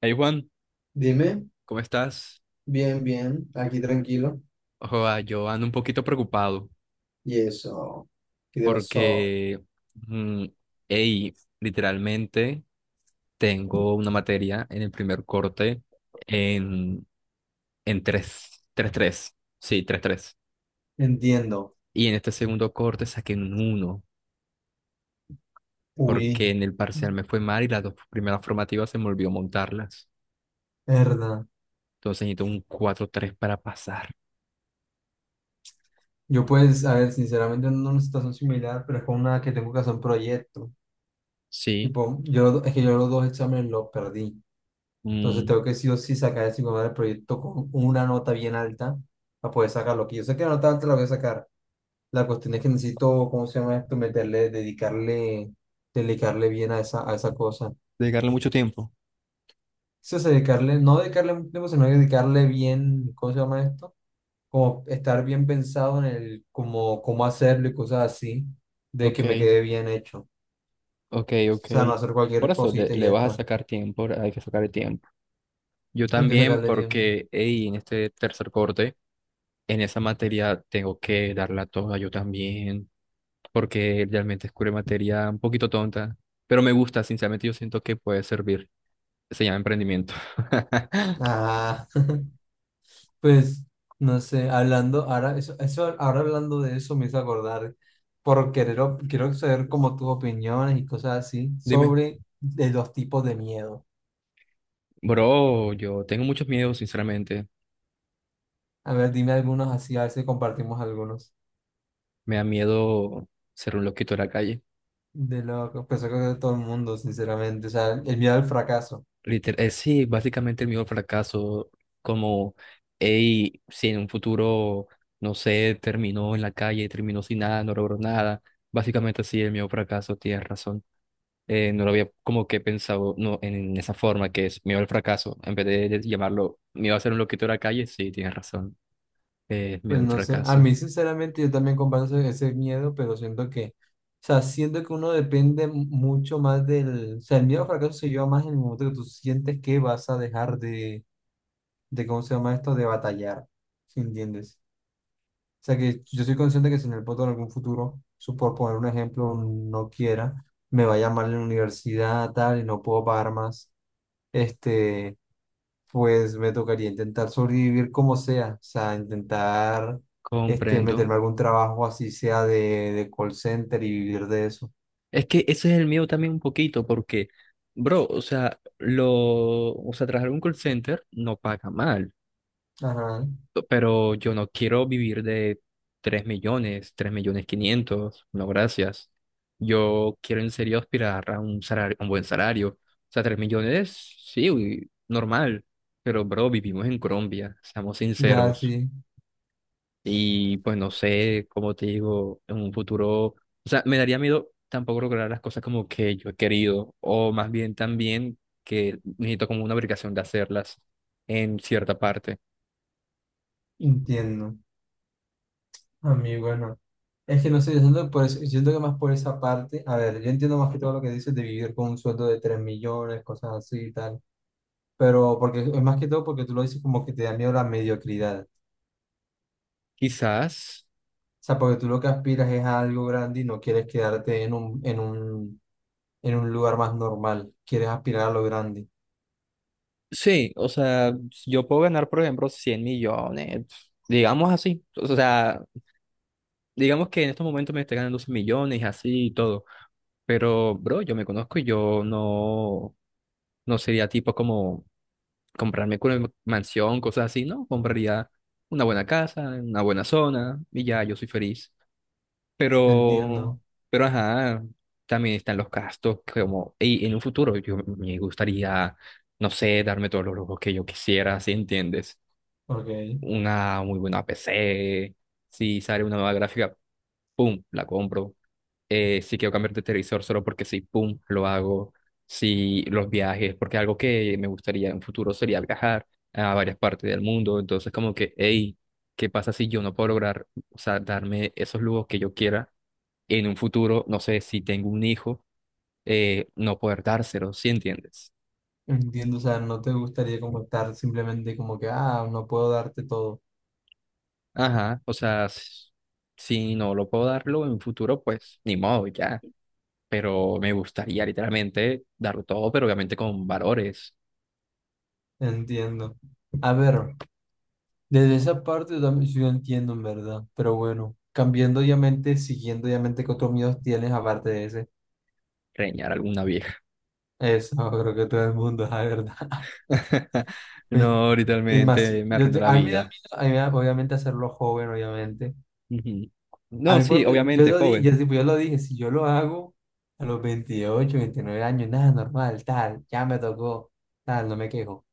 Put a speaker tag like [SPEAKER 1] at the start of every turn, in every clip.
[SPEAKER 1] Hey Juan,
[SPEAKER 2] Dime,
[SPEAKER 1] ¿cómo estás?
[SPEAKER 2] bien, bien, aquí tranquilo.
[SPEAKER 1] Ojo, ah, yo ando un poquito preocupado
[SPEAKER 2] Y eso, ¿qué te pasó?
[SPEAKER 1] porque, mm, hey, literalmente tengo una materia en el primer corte en, en 3 3 3, sí, tres tres,
[SPEAKER 2] Entiendo.
[SPEAKER 1] y en este segundo corte saqué un uno
[SPEAKER 2] Uy,
[SPEAKER 1] porque en el parcial me fue mal y las dos primeras formativas se me olvidó montarlas.
[SPEAKER 2] verdad.
[SPEAKER 1] Entonces necesito un 4 3 para pasar.
[SPEAKER 2] Yo pues, a ver, sinceramente ando en una situación similar, pero es con una que tengo que hacer un proyecto.
[SPEAKER 1] Sí,
[SPEAKER 2] Tipo, yo, es que yo los dos exámenes los perdí. Entonces
[SPEAKER 1] mm,
[SPEAKER 2] tengo que sí o sí sacar el del proyecto con una nota bien alta para poder sacarlo. Que yo sé que la nota alta la voy a sacar. La cuestión es que necesito, ¿cómo se llama esto? Meterle, dedicarle, dedicarle bien a esa cosa.
[SPEAKER 1] dedicarle mucho tiempo.
[SPEAKER 2] Sí, o sea, dedicarle, no dedicarle mucho tiempo, sino dedicarle bien, ¿cómo se llama esto? Como estar bien pensado en el, como, cómo hacerlo y cosas así, de que
[SPEAKER 1] Ok.
[SPEAKER 2] me quede bien hecho. O
[SPEAKER 1] Ok, ok.
[SPEAKER 2] sea, no hacer
[SPEAKER 1] Por
[SPEAKER 2] cualquier
[SPEAKER 1] eso le,
[SPEAKER 2] cosita y
[SPEAKER 1] le
[SPEAKER 2] ya
[SPEAKER 1] vas a
[SPEAKER 2] está.
[SPEAKER 1] sacar tiempo, hay que sacar el tiempo. Yo
[SPEAKER 2] Hay que
[SPEAKER 1] también
[SPEAKER 2] sacarle tiempo.
[SPEAKER 1] porque, hey, en este tercer corte, en esa materia tengo que darla toda yo también, porque realmente es una materia un poquito tonta, pero me gusta, sinceramente yo siento que puede servir. Se llama emprendimiento.
[SPEAKER 2] Ah, pues, no sé, hablando, ahora, eso, ahora hablando de eso me hizo acordar, por querer, quiero saber como tus opiniones y cosas así,
[SPEAKER 1] Dime.
[SPEAKER 2] sobre de los tipos de miedo.
[SPEAKER 1] Bro, yo tengo muchos miedos, sinceramente.
[SPEAKER 2] A ver, dime algunos así, a ver si compartimos algunos.
[SPEAKER 1] Me da miedo ser un loquito de la calle.
[SPEAKER 2] De loco, pues yo creo que todo el mundo, sinceramente, o sea, el miedo al fracaso,
[SPEAKER 1] Sí, básicamente el miedo al fracaso, como, hey, si en un futuro, no sé, terminó en la calle, terminó sin nada, no logró nada, básicamente sí, el miedo al fracaso, tienes razón. No lo había como que pensado no, en esa forma que es miedo al fracaso, en vez de llamarlo miedo a ser un loquito de la calle, sí, tienes razón, miedo
[SPEAKER 2] pues
[SPEAKER 1] al
[SPEAKER 2] no sé, a
[SPEAKER 1] fracaso,
[SPEAKER 2] mí sinceramente yo también comparto ese, ese miedo, pero siento que, o sea, siento que uno depende mucho más del, o sea, el miedo al fracaso se lleva más en el momento que tú sientes que vas a dejar de ¿cómo se llama esto?, de batallar, ¿sí entiendes? O sea, que yo soy consciente que si en el punto en algún futuro, por poner un ejemplo, no quiera, me vaya mal en la universidad, tal, y no puedo pagar más, este. Pues me tocaría intentar sobrevivir como sea, o sea, intentar este,
[SPEAKER 1] comprendo.
[SPEAKER 2] meterme a algún trabajo así sea de call center y vivir de eso.
[SPEAKER 1] Es que ese es el miedo también un poquito, porque, bro, o sea, trabajar en un call center no paga mal
[SPEAKER 2] Ajá,
[SPEAKER 1] pero yo no quiero vivir de 3 millones, 3 millones 500 no gracias. Yo quiero en serio aspirar a un salario, un buen salario. O sea, 3 millones, sí, uy, normal, pero bro, vivimos en Colombia, seamos
[SPEAKER 2] ya
[SPEAKER 1] sinceros.
[SPEAKER 2] sí,
[SPEAKER 1] Y pues no sé, como te digo, en un futuro, o sea, me daría miedo tampoco lograr las cosas como que yo he querido, o más bien también que necesito como una obligación de hacerlas en cierta parte.
[SPEAKER 2] entiendo. A mí, bueno, es que no sé, yo siento, que siento que más por esa parte, a ver, yo entiendo más que todo lo que dices de vivir con un sueldo de 3 millones, cosas así y tal, pero porque es más que todo porque tú lo dices como que te da miedo la mediocridad.
[SPEAKER 1] Quizás.
[SPEAKER 2] Sea, porque tú lo que aspiras es a algo grande y no quieres quedarte en un, en un, en un lugar más normal. Quieres aspirar a lo grande.
[SPEAKER 1] Sí, o sea, yo puedo ganar, por ejemplo, 100 millones, digamos así. O sea, digamos que en estos momentos me estoy ganando 100 millones, así y todo. Pero, bro, yo me conozco y yo no, no sería tipo como comprarme una mansión, cosas así, ¿no? Compraría una buena casa, en una buena zona y ya, yo soy feliz. Pero,
[SPEAKER 2] Entiendo.
[SPEAKER 1] pero ajá, también están los gastos como, y en un futuro yo me gustaría, no sé, darme todos los lujos que yo quisiera, ¿si entiendes?
[SPEAKER 2] Ok.
[SPEAKER 1] Una muy buena PC, si sale una nueva gráfica, pum, la compro. Si quiero cambiar de televisor solo porque sí, pum, lo hago. Si los viajes, porque algo que me gustaría en un futuro sería viajar a varias partes del mundo, entonces como que, hey, ¿qué pasa si yo no puedo lograr, o sea, darme esos lujos que yo quiera? En un futuro, no sé, si tengo un hijo, no poder dárselo, ¿sí entiendes?
[SPEAKER 2] Entiendo. O sea, no te gustaría como estar simplemente como que, ah, no puedo darte todo.
[SPEAKER 1] Ajá, o sea, s- si no lo puedo darlo en un futuro, pues ni modo, ya. Pero me gustaría literalmente darlo todo, pero obviamente con valores,
[SPEAKER 2] Entiendo. A ver, desde esa parte yo también sí lo entiendo, en verdad. Pero bueno, cambiando obviamente, siguiendo obviamente qué otros miedos tienes aparte de ese.
[SPEAKER 1] reñar a alguna vieja.
[SPEAKER 2] Eso, creo que todo el mundo, la verdad. Sí.
[SPEAKER 1] No,
[SPEAKER 2] Y más,
[SPEAKER 1] literalmente me arruinó la
[SPEAKER 2] a mí me da miedo,
[SPEAKER 1] vida.
[SPEAKER 2] a mí me da- obviamente hacerlo joven, obviamente.
[SPEAKER 1] Ujú.
[SPEAKER 2] A
[SPEAKER 1] No,
[SPEAKER 2] mí,
[SPEAKER 1] sí,
[SPEAKER 2] por ejemplo, yo
[SPEAKER 1] obviamente,
[SPEAKER 2] lo dije,
[SPEAKER 1] joven,
[SPEAKER 2] yo, tipo, yo lo dije, si yo lo hago a los 28 o 29 años, nada, normal, tal, ya me tocó, tal, no me quejo.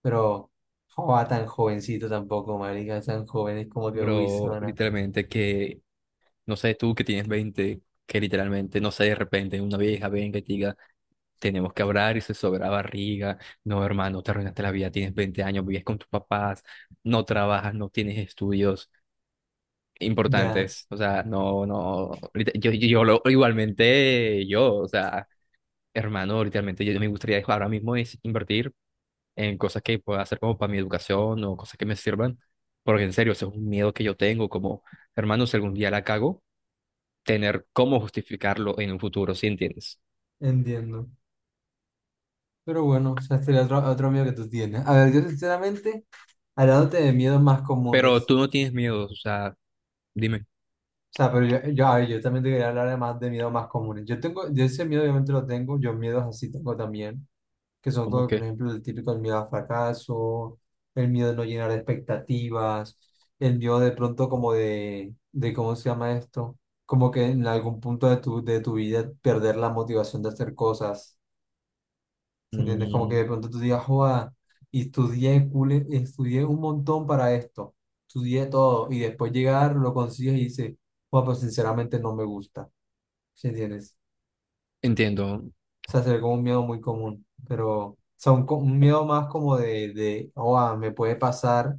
[SPEAKER 2] Pero, joa, tan jovencito tampoco, marica, tan joven, es como que, uy,
[SPEAKER 1] bro,
[SPEAKER 2] zona.
[SPEAKER 1] literalmente que no sé, tú que tienes 20 que literalmente, no sé, de repente una vieja venga y te diga, tenemos que hablar y se sobra barriga. No, hermano, te arruinaste la vida, tienes 20 años, vives con tus papás, no trabajas, no tienes estudios
[SPEAKER 2] Ya,
[SPEAKER 1] importantes. O sea, no, no, igualmente yo, o sea, hermano, literalmente yo me gustaría ahora mismo es invertir en cosas que pueda hacer como para mi educación o cosas que me sirvan, porque en serio, eso es un miedo que yo tengo, como, hermano, si algún día la cago tener cómo justificarlo en un futuro, ¿sí entiendes?
[SPEAKER 2] entiendo. Pero bueno, o sea, este es otro, otro miedo que tú tienes. A ver, yo sinceramente, hablándote de miedos más
[SPEAKER 1] Pero
[SPEAKER 2] comunes.
[SPEAKER 1] tú no tienes miedo, o sea, dime,
[SPEAKER 2] O sea, pero yo, a ver, yo también te quería hablar además de miedos más comunes. Yo tengo, yo ese miedo obviamente lo tengo, yo miedos así tengo también, que son
[SPEAKER 1] ¿cómo
[SPEAKER 2] todo por
[SPEAKER 1] que?
[SPEAKER 2] ejemplo, el típico el miedo al fracaso, el miedo de no llenar expectativas, el miedo de pronto como de ¿cómo se llama esto? Como que en algún punto de tu vida perder la motivación de hacer cosas. ¿Se entiendes? Como que
[SPEAKER 1] Mm,
[SPEAKER 2] de pronto tú digas, joda, y estudié, estudié un montón para esto, estudié todo, y después llegar, lo consigues y dices, joda, pues sinceramente no me gusta, ¿se entiendes?
[SPEAKER 1] entiendo.
[SPEAKER 2] O sea, se ve como un miedo muy común, pero, o sea, un, un miedo más como de, joda, me puede pasar,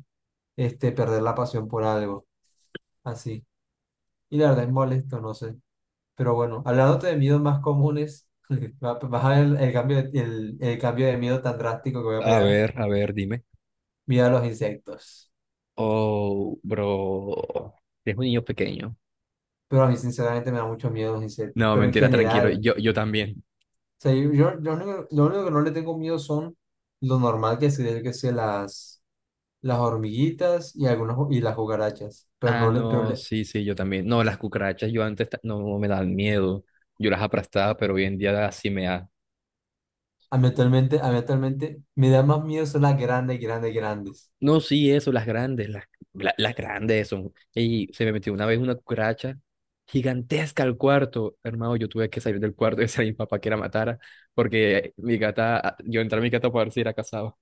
[SPEAKER 2] este, perder la pasión por algo, así. Y la verdad es molesto, no sé. Pero bueno, hablándote de miedos más comunes, vas a ver el cambio, el cambio de miedo tan drástico que voy a pegar,
[SPEAKER 1] A ver, dime.
[SPEAKER 2] miedo a los insectos.
[SPEAKER 1] Oh, bro, es un niño pequeño.
[SPEAKER 2] Pero a mí sinceramente me da mucho miedo los insectos.
[SPEAKER 1] No,
[SPEAKER 2] Pero en
[SPEAKER 1] mentira, tranquilo,
[SPEAKER 2] general,
[SPEAKER 1] yo también.
[SPEAKER 2] o sea, yo, yo lo único que no le tengo miedo son lo normal que sería que sea las hormiguitas y algunas y las cucarachas. Pero
[SPEAKER 1] Ah,
[SPEAKER 2] no le,
[SPEAKER 1] no, sí, sí, yo también. No, las cucarachas yo antes no me dan miedo. Yo las aplastaba, pero hoy en día sí me da.
[SPEAKER 2] a mí actualmente me da más miedo son las grandes, grandes, grandes.
[SPEAKER 1] No, sí, eso, las grandes, las, las grandes son. Y se me metió una vez una cucaracha gigantesca al cuarto. Hermano, yo tuve que salir del cuarto y decir a mi papá que la matara, porque mi gata, yo entré a mi gata para ver si era casado.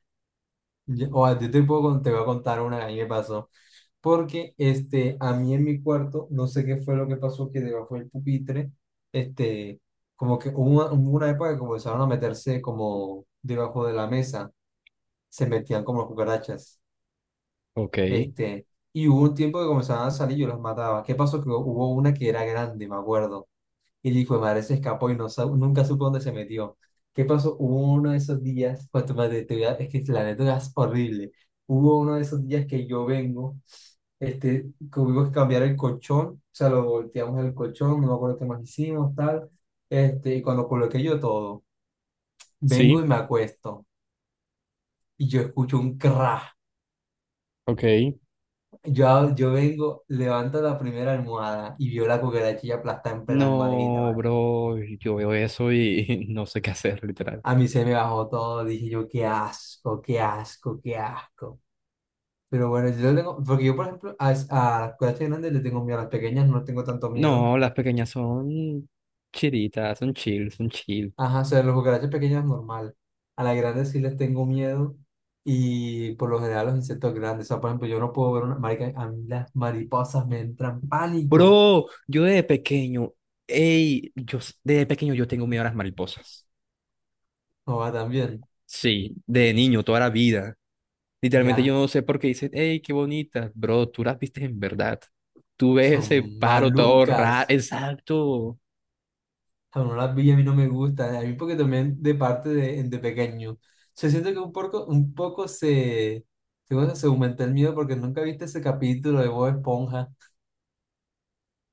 [SPEAKER 2] O a ti te puedo, te voy a contar una que a mí me pasó. Porque este, a mí en mi cuarto, no sé qué fue lo que pasó, que debajo del pupitre, este, como que hubo una época que comenzaron a meterse como debajo de la mesa, se metían como las cucarachas.
[SPEAKER 1] Ok,
[SPEAKER 2] Este, y hubo un tiempo que comenzaban a salir y yo las mataba. ¿Qué pasó? Que hubo una que era grande, me acuerdo, y el hijo de madre se escapó y no, nunca supo dónde se metió. ¿Qué pasó? Hubo uno de esos días, pues, es que la neta es horrible. Hubo uno de esos días que yo vengo este, tuvimos que cambiar el colchón, o sea, lo volteamos el colchón, no me acuerdo qué más hicimos, tal, este, y cuando coloqué yo todo, vengo y
[SPEAKER 1] sí,
[SPEAKER 2] me acuesto, y yo escucho un crash,
[SPEAKER 1] ok.
[SPEAKER 2] yo vengo, levanto la primera almohada, y veo la cucaracha ya aplastada en plena almohadita.
[SPEAKER 1] No, bro, yo veo eso y no sé qué hacer, literal.
[SPEAKER 2] A mí se me bajó todo, dije yo, qué asco, qué asco, qué asco. Pero bueno, yo lo tengo, porque yo, por ejemplo, a las cucarachas grandes le tengo miedo, a las pequeñas no tengo tanto miedo.
[SPEAKER 1] No, las pequeñas son chiritas, son chill, son chill.
[SPEAKER 2] Ajá, o sea, a las cucarachas pequeñas normal. A las grandes sí les tengo miedo y por lo general a los insectos grandes. O sea, por ejemplo, yo no puedo ver una marica, a mí las mariposas me entran pánico.
[SPEAKER 1] Bro, yo de pequeño, ey, yo s- de pequeño yo tengo miedo a las mariposas.
[SPEAKER 2] O va también,
[SPEAKER 1] Sí, de niño, toda la vida. Literalmente
[SPEAKER 2] ya,
[SPEAKER 1] yo no sé por qué dicen, hey, qué bonita, bro, tú las viste en verdad. Tú ves
[SPEAKER 2] son
[SPEAKER 1] ese paro todo raro.
[SPEAKER 2] malucas.
[SPEAKER 1] Exacto.
[SPEAKER 2] Aún no las vi, a mí no me gusta, a mí porque también de parte de pequeño. Se siente que un poco se, se, cosa, se aumenta el miedo porque nunca viste ese capítulo de Bob Esponja.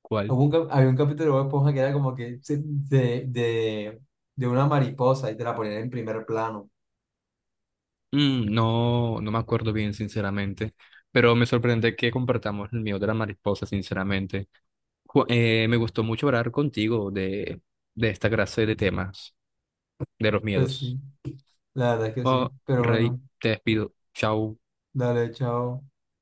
[SPEAKER 1] ¿Cuál?
[SPEAKER 2] Hubo un había un capítulo de Bob Esponja que era como que de una mariposa y te la ponían en primer plano.
[SPEAKER 1] Mm, no, no me acuerdo bien, sinceramente. Pero me sorprende que compartamos el mío de la mariposa, sinceramente. Me gustó mucho hablar contigo de esta clase de temas, de los
[SPEAKER 2] Pues
[SPEAKER 1] miedos.
[SPEAKER 2] sí, la verdad es que sí.
[SPEAKER 1] Oh,
[SPEAKER 2] Pero
[SPEAKER 1] Rey,
[SPEAKER 2] bueno,
[SPEAKER 1] te despido. Chao.
[SPEAKER 2] dale, chao.